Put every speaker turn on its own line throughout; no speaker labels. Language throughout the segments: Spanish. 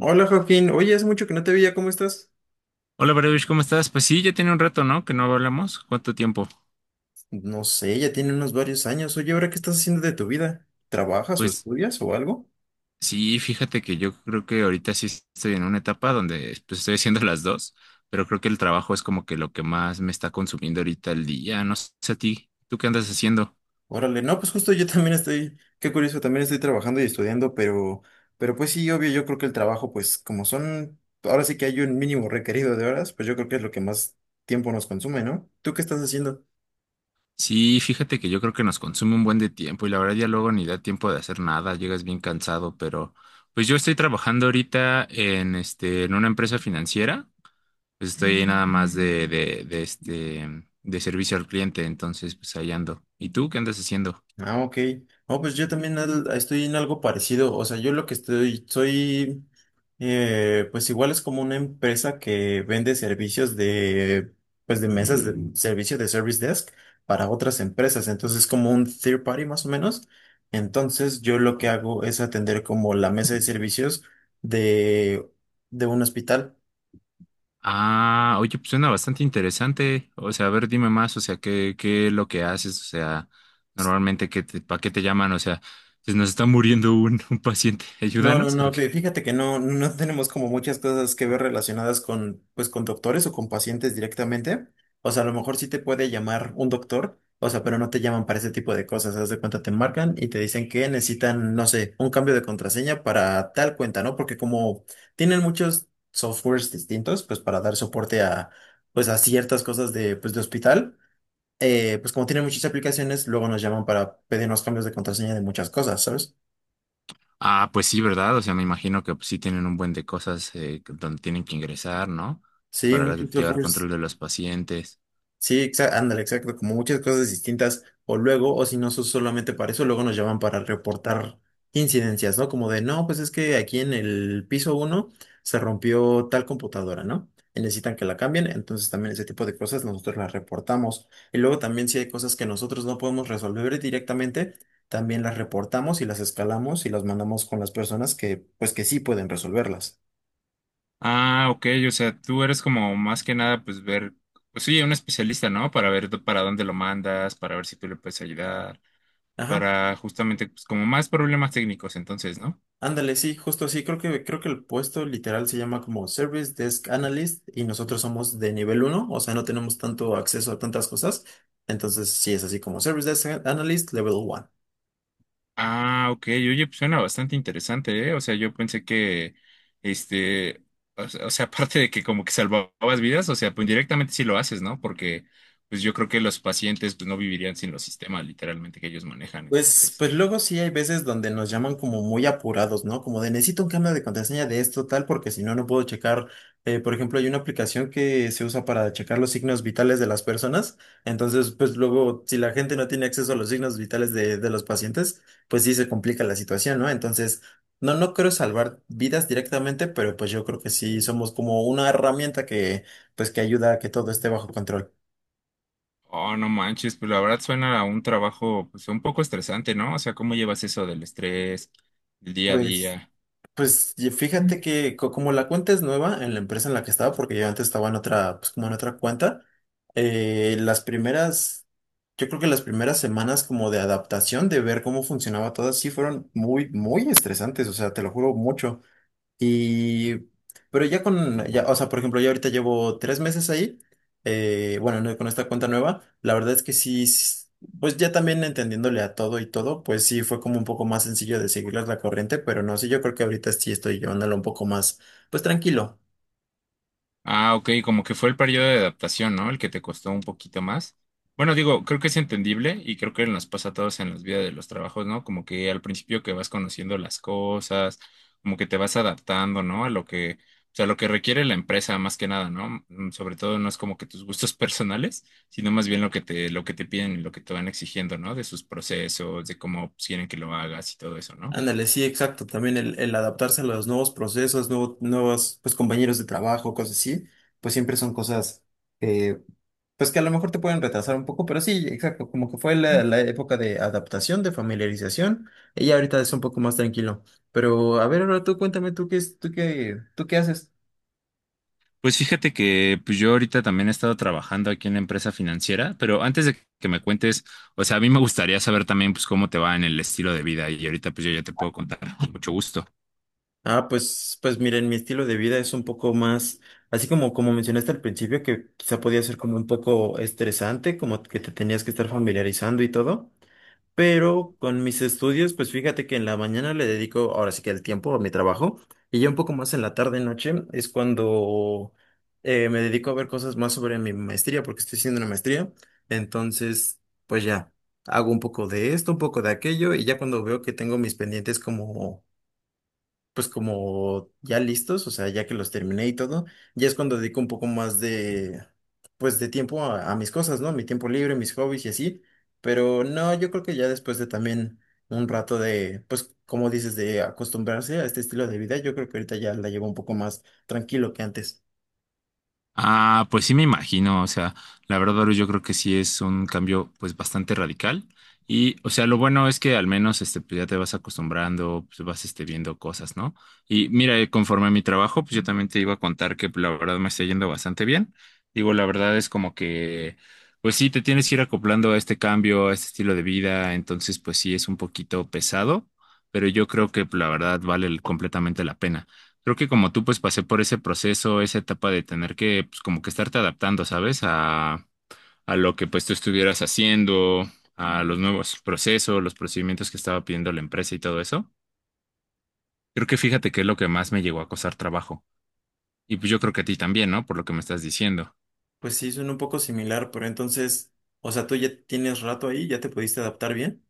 Hola Joaquín, oye, hace mucho que no te veía, ¿cómo estás?
Hola, Baruch, ¿cómo estás? Pues sí, ya tiene un rato, ¿no? Que no hablamos. ¿Cuánto tiempo?
No sé, ya tiene unos varios años. Oye, ¿ahora qué estás haciendo de tu vida? ¿Trabajas o
Pues
estudias o algo?
sí, fíjate que yo creo que ahorita sí estoy en una etapa donde pues, estoy haciendo las dos, pero creo que el trabajo es como que lo que más me está consumiendo ahorita el día. No sé a ti, ¿tú qué andas haciendo?
Órale, no, pues justo yo también estoy, qué curioso, también estoy trabajando y estudiando, pero pues sí, obvio, yo creo que el trabajo, pues como son, ahora sí que hay un mínimo requerido de horas, pues yo creo que es lo que más tiempo nos consume, ¿no? ¿Tú qué estás haciendo?
Sí, fíjate que yo creo que nos consume un buen de tiempo y la verdad ya luego ni da tiempo de hacer nada, llegas bien cansado, pero pues yo estoy trabajando ahorita en una empresa financiera. Pues estoy ahí nada más de servicio al cliente, entonces pues ahí ando. ¿Y tú qué andas haciendo?
Ah, ok. Oh, pues yo también estoy en algo parecido. O sea, yo lo que estoy, soy, pues igual es como una empresa que vende servicios de, pues de mesas de servicio de service desk para otras empresas. Entonces, es como un third party más o menos. Entonces, yo lo que hago es atender como la mesa de servicios de, de un hospital.
Ah, oye, pues suena bastante interesante. O sea, a ver, dime más, o sea, qué es lo que haces, o sea, normalmente qué te, ¿para qué te llaman? O sea, se nos está muriendo un, un paciente,
No, no,
ayúdanos, ¿o
no,
qué?
fí- fíjate que no, no tenemos como muchas cosas que ver relacionadas con, pues, con doctores o con pacientes directamente. O sea, a lo mejor sí te puede llamar un doctor, o sea, pero no te llaman para ese tipo de cosas. Haz de cuenta, te marcan y te dicen que necesitan, no sé, un cambio de contraseña para tal cuenta, ¿no? Porque como tienen muchos softwares distintos, pues para dar soporte a, pues, a ciertas cosas de, pues, de hospital, pues como tienen muchas aplicaciones, luego nos llaman para pedirnos cambios de contraseña de muchas cosas, ¿sabes?
Ah, pues sí, ¿verdad? O sea, me imagino que pues, sí tienen un buen de cosas donde tienen que ingresar, ¿no? Pues,
Sí,
para la-
muchos
llevar
softwares.
control de los pacientes.
Sí, ándale, exacto, como muchas cosas distintas, o luego, o si no son solamente para eso, luego nos llaman para reportar incidencias, ¿no? Como de, no, pues es que aquí en el piso uno se rompió tal computadora, ¿no? Y necesitan que la cambien, entonces también ese tipo de cosas nosotros las reportamos. Y luego también si hay cosas que nosotros no podemos resolver directamente, también las reportamos y las escalamos y las mandamos con las personas que, pues que sí pueden resolverlas.
Ah, ok, o sea, tú eres como más que nada, pues ver, pues sí, un especialista, ¿no? Para dónde lo mandas, para ver si tú le puedes ayudar,
Ajá.
para justamente, pues como más problemas técnicos, entonces, ¿no?
Ándale, sí, justo así. Creo que el puesto literal se llama como Service Desk Analyst y nosotros somos de nivel uno, o sea, no tenemos tanto acceso a tantas cosas. Entonces, sí es así como Service Desk Analyst Level 1.
Ah, ok, oye, pues suena bastante interesante, ¿eh? O sea, yo pensé que, este, o sea, aparte de que como que salvabas vidas, o sea, pues directamente sí lo haces, ¿no? Porque, pues yo creo que los pacientes, pues no vivirían sin los sistemas, literalmente, que ellos manejan,
Pues,
entonces.
pues luego sí hay veces donde nos llaman como muy apurados, ¿no? Como de necesito un cambio de contraseña de esto, tal, porque si no, no puedo checar. Por ejemplo, hay una aplicación que se usa para checar los signos vitales de las personas. Entonces, pues luego, si la gente no tiene acceso a los signos vitales de los pacientes, pues sí se complica la situación, ¿no? Entonces, no, no creo salvar vidas directamente, pero pues yo creo que sí somos como una herramienta que, pues que ayuda a que todo esté bajo control.
Oh, no manches, pues la verdad suena a un trabajo pues un poco estresante, ¿no? O sea, ¿cómo llevas eso del estrés, el día a
Pues.
día?
Pues y fíjate que como la cuenta es nueva en la empresa en la que estaba, porque yo antes estaba en otra, pues como en otra cuenta, las primeras, yo creo que las primeras semanas como de adaptación, de ver cómo funcionaba todo, sí fueron muy, muy estresantes, o sea, te lo juro mucho. Y, pero ya con, ya, o sea, por ejemplo, ya ahorita llevo tres meses ahí, bueno, no, con esta cuenta nueva, la verdad es que sí, pues ya también entendiéndole a todo y todo, pues sí fue como un poco más sencillo de seguirles la corriente, pero no sé, yo creo que ahorita sí estoy llevándolo un poco más, pues tranquilo.
Ah, ok, como que fue el periodo de adaptación, ¿no? El que te costó un poquito más. Bueno, digo, creo que es entendible y creo que nos pasa a todos en las vidas de los trabajos, ¿no? Como que al principio que vas conociendo las cosas, como que te vas adaptando, ¿no? A lo que, o sea, lo que requiere la empresa más que nada, ¿no? Sobre todo no es como que tus gustos personales, sino más bien lo que te piden y lo que te van exigiendo, ¿no? De sus procesos, de cómo quieren que lo hagas y todo eso, ¿no?
Ándale, sí, exacto. También el adaptarse a los nuevos procesos, nuevos pues, compañeros de trabajo, cosas así, pues siempre son cosas eh, pues que a lo mejor te pueden retrasar un poco, pero sí, exacto, como que fue la, la época de adaptación, de familiarización, y ya ahorita es un poco más tranquilo. Pero a ver, ahora tú cuéntame, ¿tú qué, es- tú qué haces?
Pues fíjate que pues yo ahorita también he estado trabajando aquí en la empresa financiera, pero antes de que me cuentes, o sea, a mí me gustaría saber también pues cómo te va en el estilo de vida y ahorita pues yo ya te puedo contar con mucho gusto.
Ah, pues, pues miren, mi estilo de vida es un poco más, así como, como mencionaste al principio, que quizá podía ser como un poco estresante, como que te tenías que estar familiarizando y todo. Pero con mis estudios, pues fíjate que en la mañana le dedico ahora sí que el tiempo a mi trabajo y ya un poco más en la tarde noche es cuando me dedico a ver cosas más sobre mi maestría porque estoy haciendo una maestría. Entonces, pues ya hago un poco de esto, un poco de aquello y ya cuando veo que tengo mis pendientes como pues como ya listos, o sea, ya que los terminé y todo, ya es cuando dedico un poco más de, pues de tiempo a mis cosas, ¿no? Mi tiempo libre, mis hobbies y así, pero no, yo creo que ya después de también un rato de, pues como dices, de acostumbrarse a este estilo de vida, yo creo que ahorita ya la llevo un poco más tranquilo que antes.
Ah, pues sí me imagino, o sea, la verdad, Baru, yo creo que sí es un cambio pues bastante radical y o sea, lo bueno es que al menos este pues ya te vas acostumbrando, pues vas este viendo cosas, ¿no? Y mira, conforme a mi trabajo, pues yo también te iba a contar que pues, la verdad me está yendo bastante bien. Digo, la verdad es como que pues sí te tienes que ir acoplando a este cambio, a este estilo de vida, entonces pues sí es un poquito pesado, pero yo creo que pues, la verdad vale completamente la pena. Creo que como tú, pues pasé por ese proceso, esa etapa de tener que, pues como que estarte adaptando, ¿sabes? A lo que pues tú estuvieras haciendo, a los nuevos procesos, los procedimientos que estaba pidiendo la empresa y todo eso. Creo que fíjate que es lo que más me llegó a costar trabajo. Y pues yo creo que a ti también, ¿no? Por lo que me estás diciendo.
Pues sí, suena un poco similar, pero entonces, o sea, tú ya tienes rato ahí, ya te pudiste adaptar bien.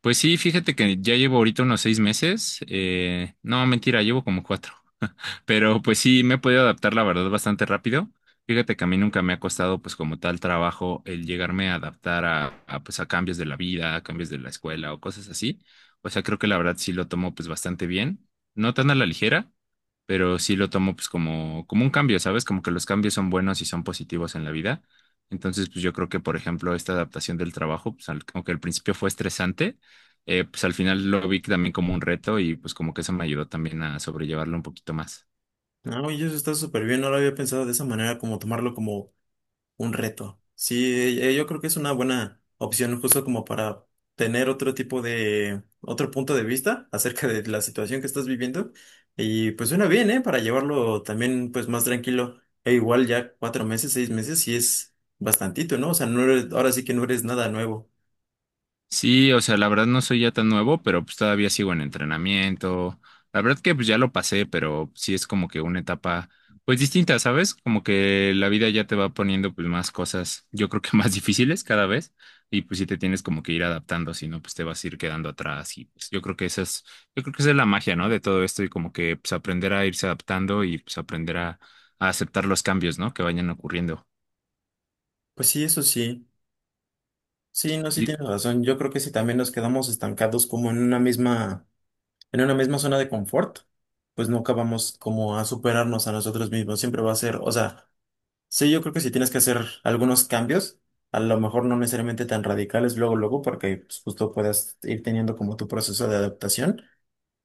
Pues sí, fíjate que ya llevo ahorita unos 6 meses. No, mentira, llevo como cuatro. Pero pues sí, me he podido adaptar, la verdad, bastante rápido. Fíjate que a mí nunca me ha costado, pues como tal trabajo, el llegarme a adaptar a cambios de la vida, a cambios de la escuela o cosas así. O sea, creo que la verdad sí lo tomo pues bastante bien. No tan a la ligera, pero sí lo tomo pues como, como un cambio, ¿sabes? Como que los cambios son buenos y son positivos en la vida. Entonces, pues yo creo que, por ejemplo, esta adaptación del trabajo, pues como que al principio fue estresante, pues al final lo vi también como un reto y pues como que eso me ayudó también a sobrellevarlo un poquito más.
No, y eso está súper bien, no lo había pensado de esa manera, como tomarlo como un reto. Sí, yo creo que es una buena opción justo como para tener otro tipo de, otro punto de vista acerca de la situación que estás viviendo. Y pues suena bien, ¿eh? Para llevarlo también pues más tranquilo. E igual ya cuatro meses, seis meses, sí es bastantito, ¿no? O sea, no eres- ahora sí que no eres nada nuevo.
Sí, o sea, la verdad no soy ya tan nuevo, pero pues todavía sigo en entrenamiento. La verdad que pues ya lo pasé, pero sí es como que una etapa pues distinta, ¿sabes? Como que la vida ya te va poniendo pues más cosas, yo creo que más difíciles cada vez y pues sí te tienes como que ir adaptando, si no pues te vas a ir quedando atrás y pues yo creo que esa es, yo creo que esa es la magia, ¿no? De todo esto y como que pues aprender a irse adaptando y pues aprender a aceptar los cambios, ¿no? Que vayan ocurriendo.
Pues sí, eso sí. Sí, no, sí
Y,
tienes razón. Yo creo que si también nos quedamos estancados como en una misma zona de confort, pues nunca vamos como a superarnos a nosotros mismos. Siempre va a ser, o sea, sí, yo creo que si tienes que hacer algunos cambios, a lo mejor no necesariamente tan radicales luego, luego, porque pues, justo puedas ir teniendo como tu proceso de adaptación,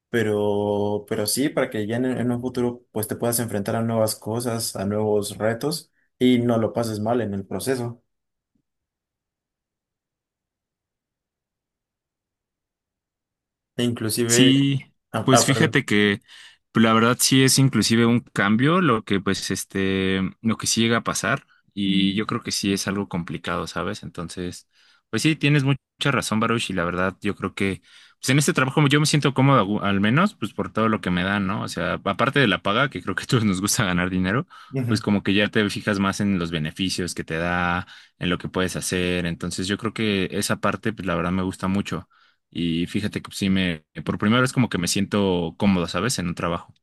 pero sí, para que ya en un futuro pues te puedas enfrentar a nuevas cosas, a nuevos retos y no lo pases mal en el proceso. E inclusive,
Sí, pues
perdón.
fíjate que pues, la verdad sí es inclusive un cambio lo que pues lo que sí llega a pasar y yo creo que sí es algo complicado, ¿sabes? Entonces, pues sí, tienes mucha razón, Baruch, y la verdad yo creo que pues en este trabajo yo me siento cómodo al menos pues por todo lo que me dan, ¿no? O sea, aparte de la paga, que creo que a todos nos gusta ganar dinero, pues
Ujú.
como que ya te fijas más en los beneficios que te da, en lo que puedes hacer, entonces yo creo que esa parte pues la verdad me gusta mucho. Y fíjate que sí me, por primera vez como que me siento cómodo, ¿sabes? En un trabajo.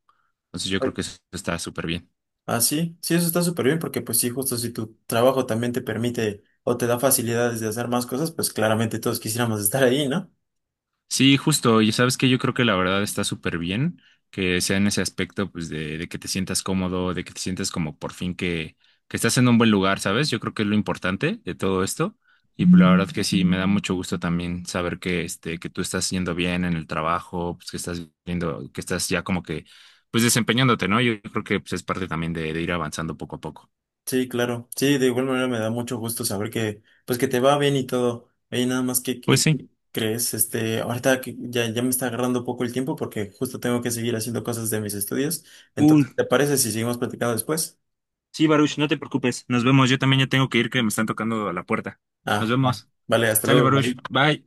Entonces yo
Ay.
creo que eso está súper bien.
Ah, sí, sí, eso está súper bien porque pues sí, justo si tu trabajo también te permite o te da facilidades de hacer más cosas, pues claramente todos quisiéramos estar ahí, ¿no?
Sí, justo, y sabes que yo creo que la verdad está súper bien que sea en ese aspecto, pues, de que te sientas cómodo, de que te sientas como por fin que, estás en un buen lugar, ¿sabes? Yo creo que es lo importante de todo esto. Y pues, la verdad que sí, me da mucho gusto también saber que, que tú estás yendo bien en el trabajo, pues que estás viendo, que estás ya como que, pues desempeñándote, ¿no? Yo creo que pues, es parte también de ir avanzando poco a poco.
Sí, claro. Sí, de igual manera me da mucho gusto saber que, pues que te va bien y todo. Oye, nada más
Pues
que
sí.
crees, este, ahorita que ya, ya me está agarrando un poco el tiempo porque justo tengo que seguir haciendo cosas de mis estudios.
Uy,
Entonces, ¿te parece si seguimos platicando después?
sí, Baruch, no te preocupes. Nos vemos. Yo también ya tengo que ir, que me están tocando a la puerta. Nos
Ah, va.
vemos.
Vale, hasta
Sale,
luego.
Baruch.
Bye.
Bye.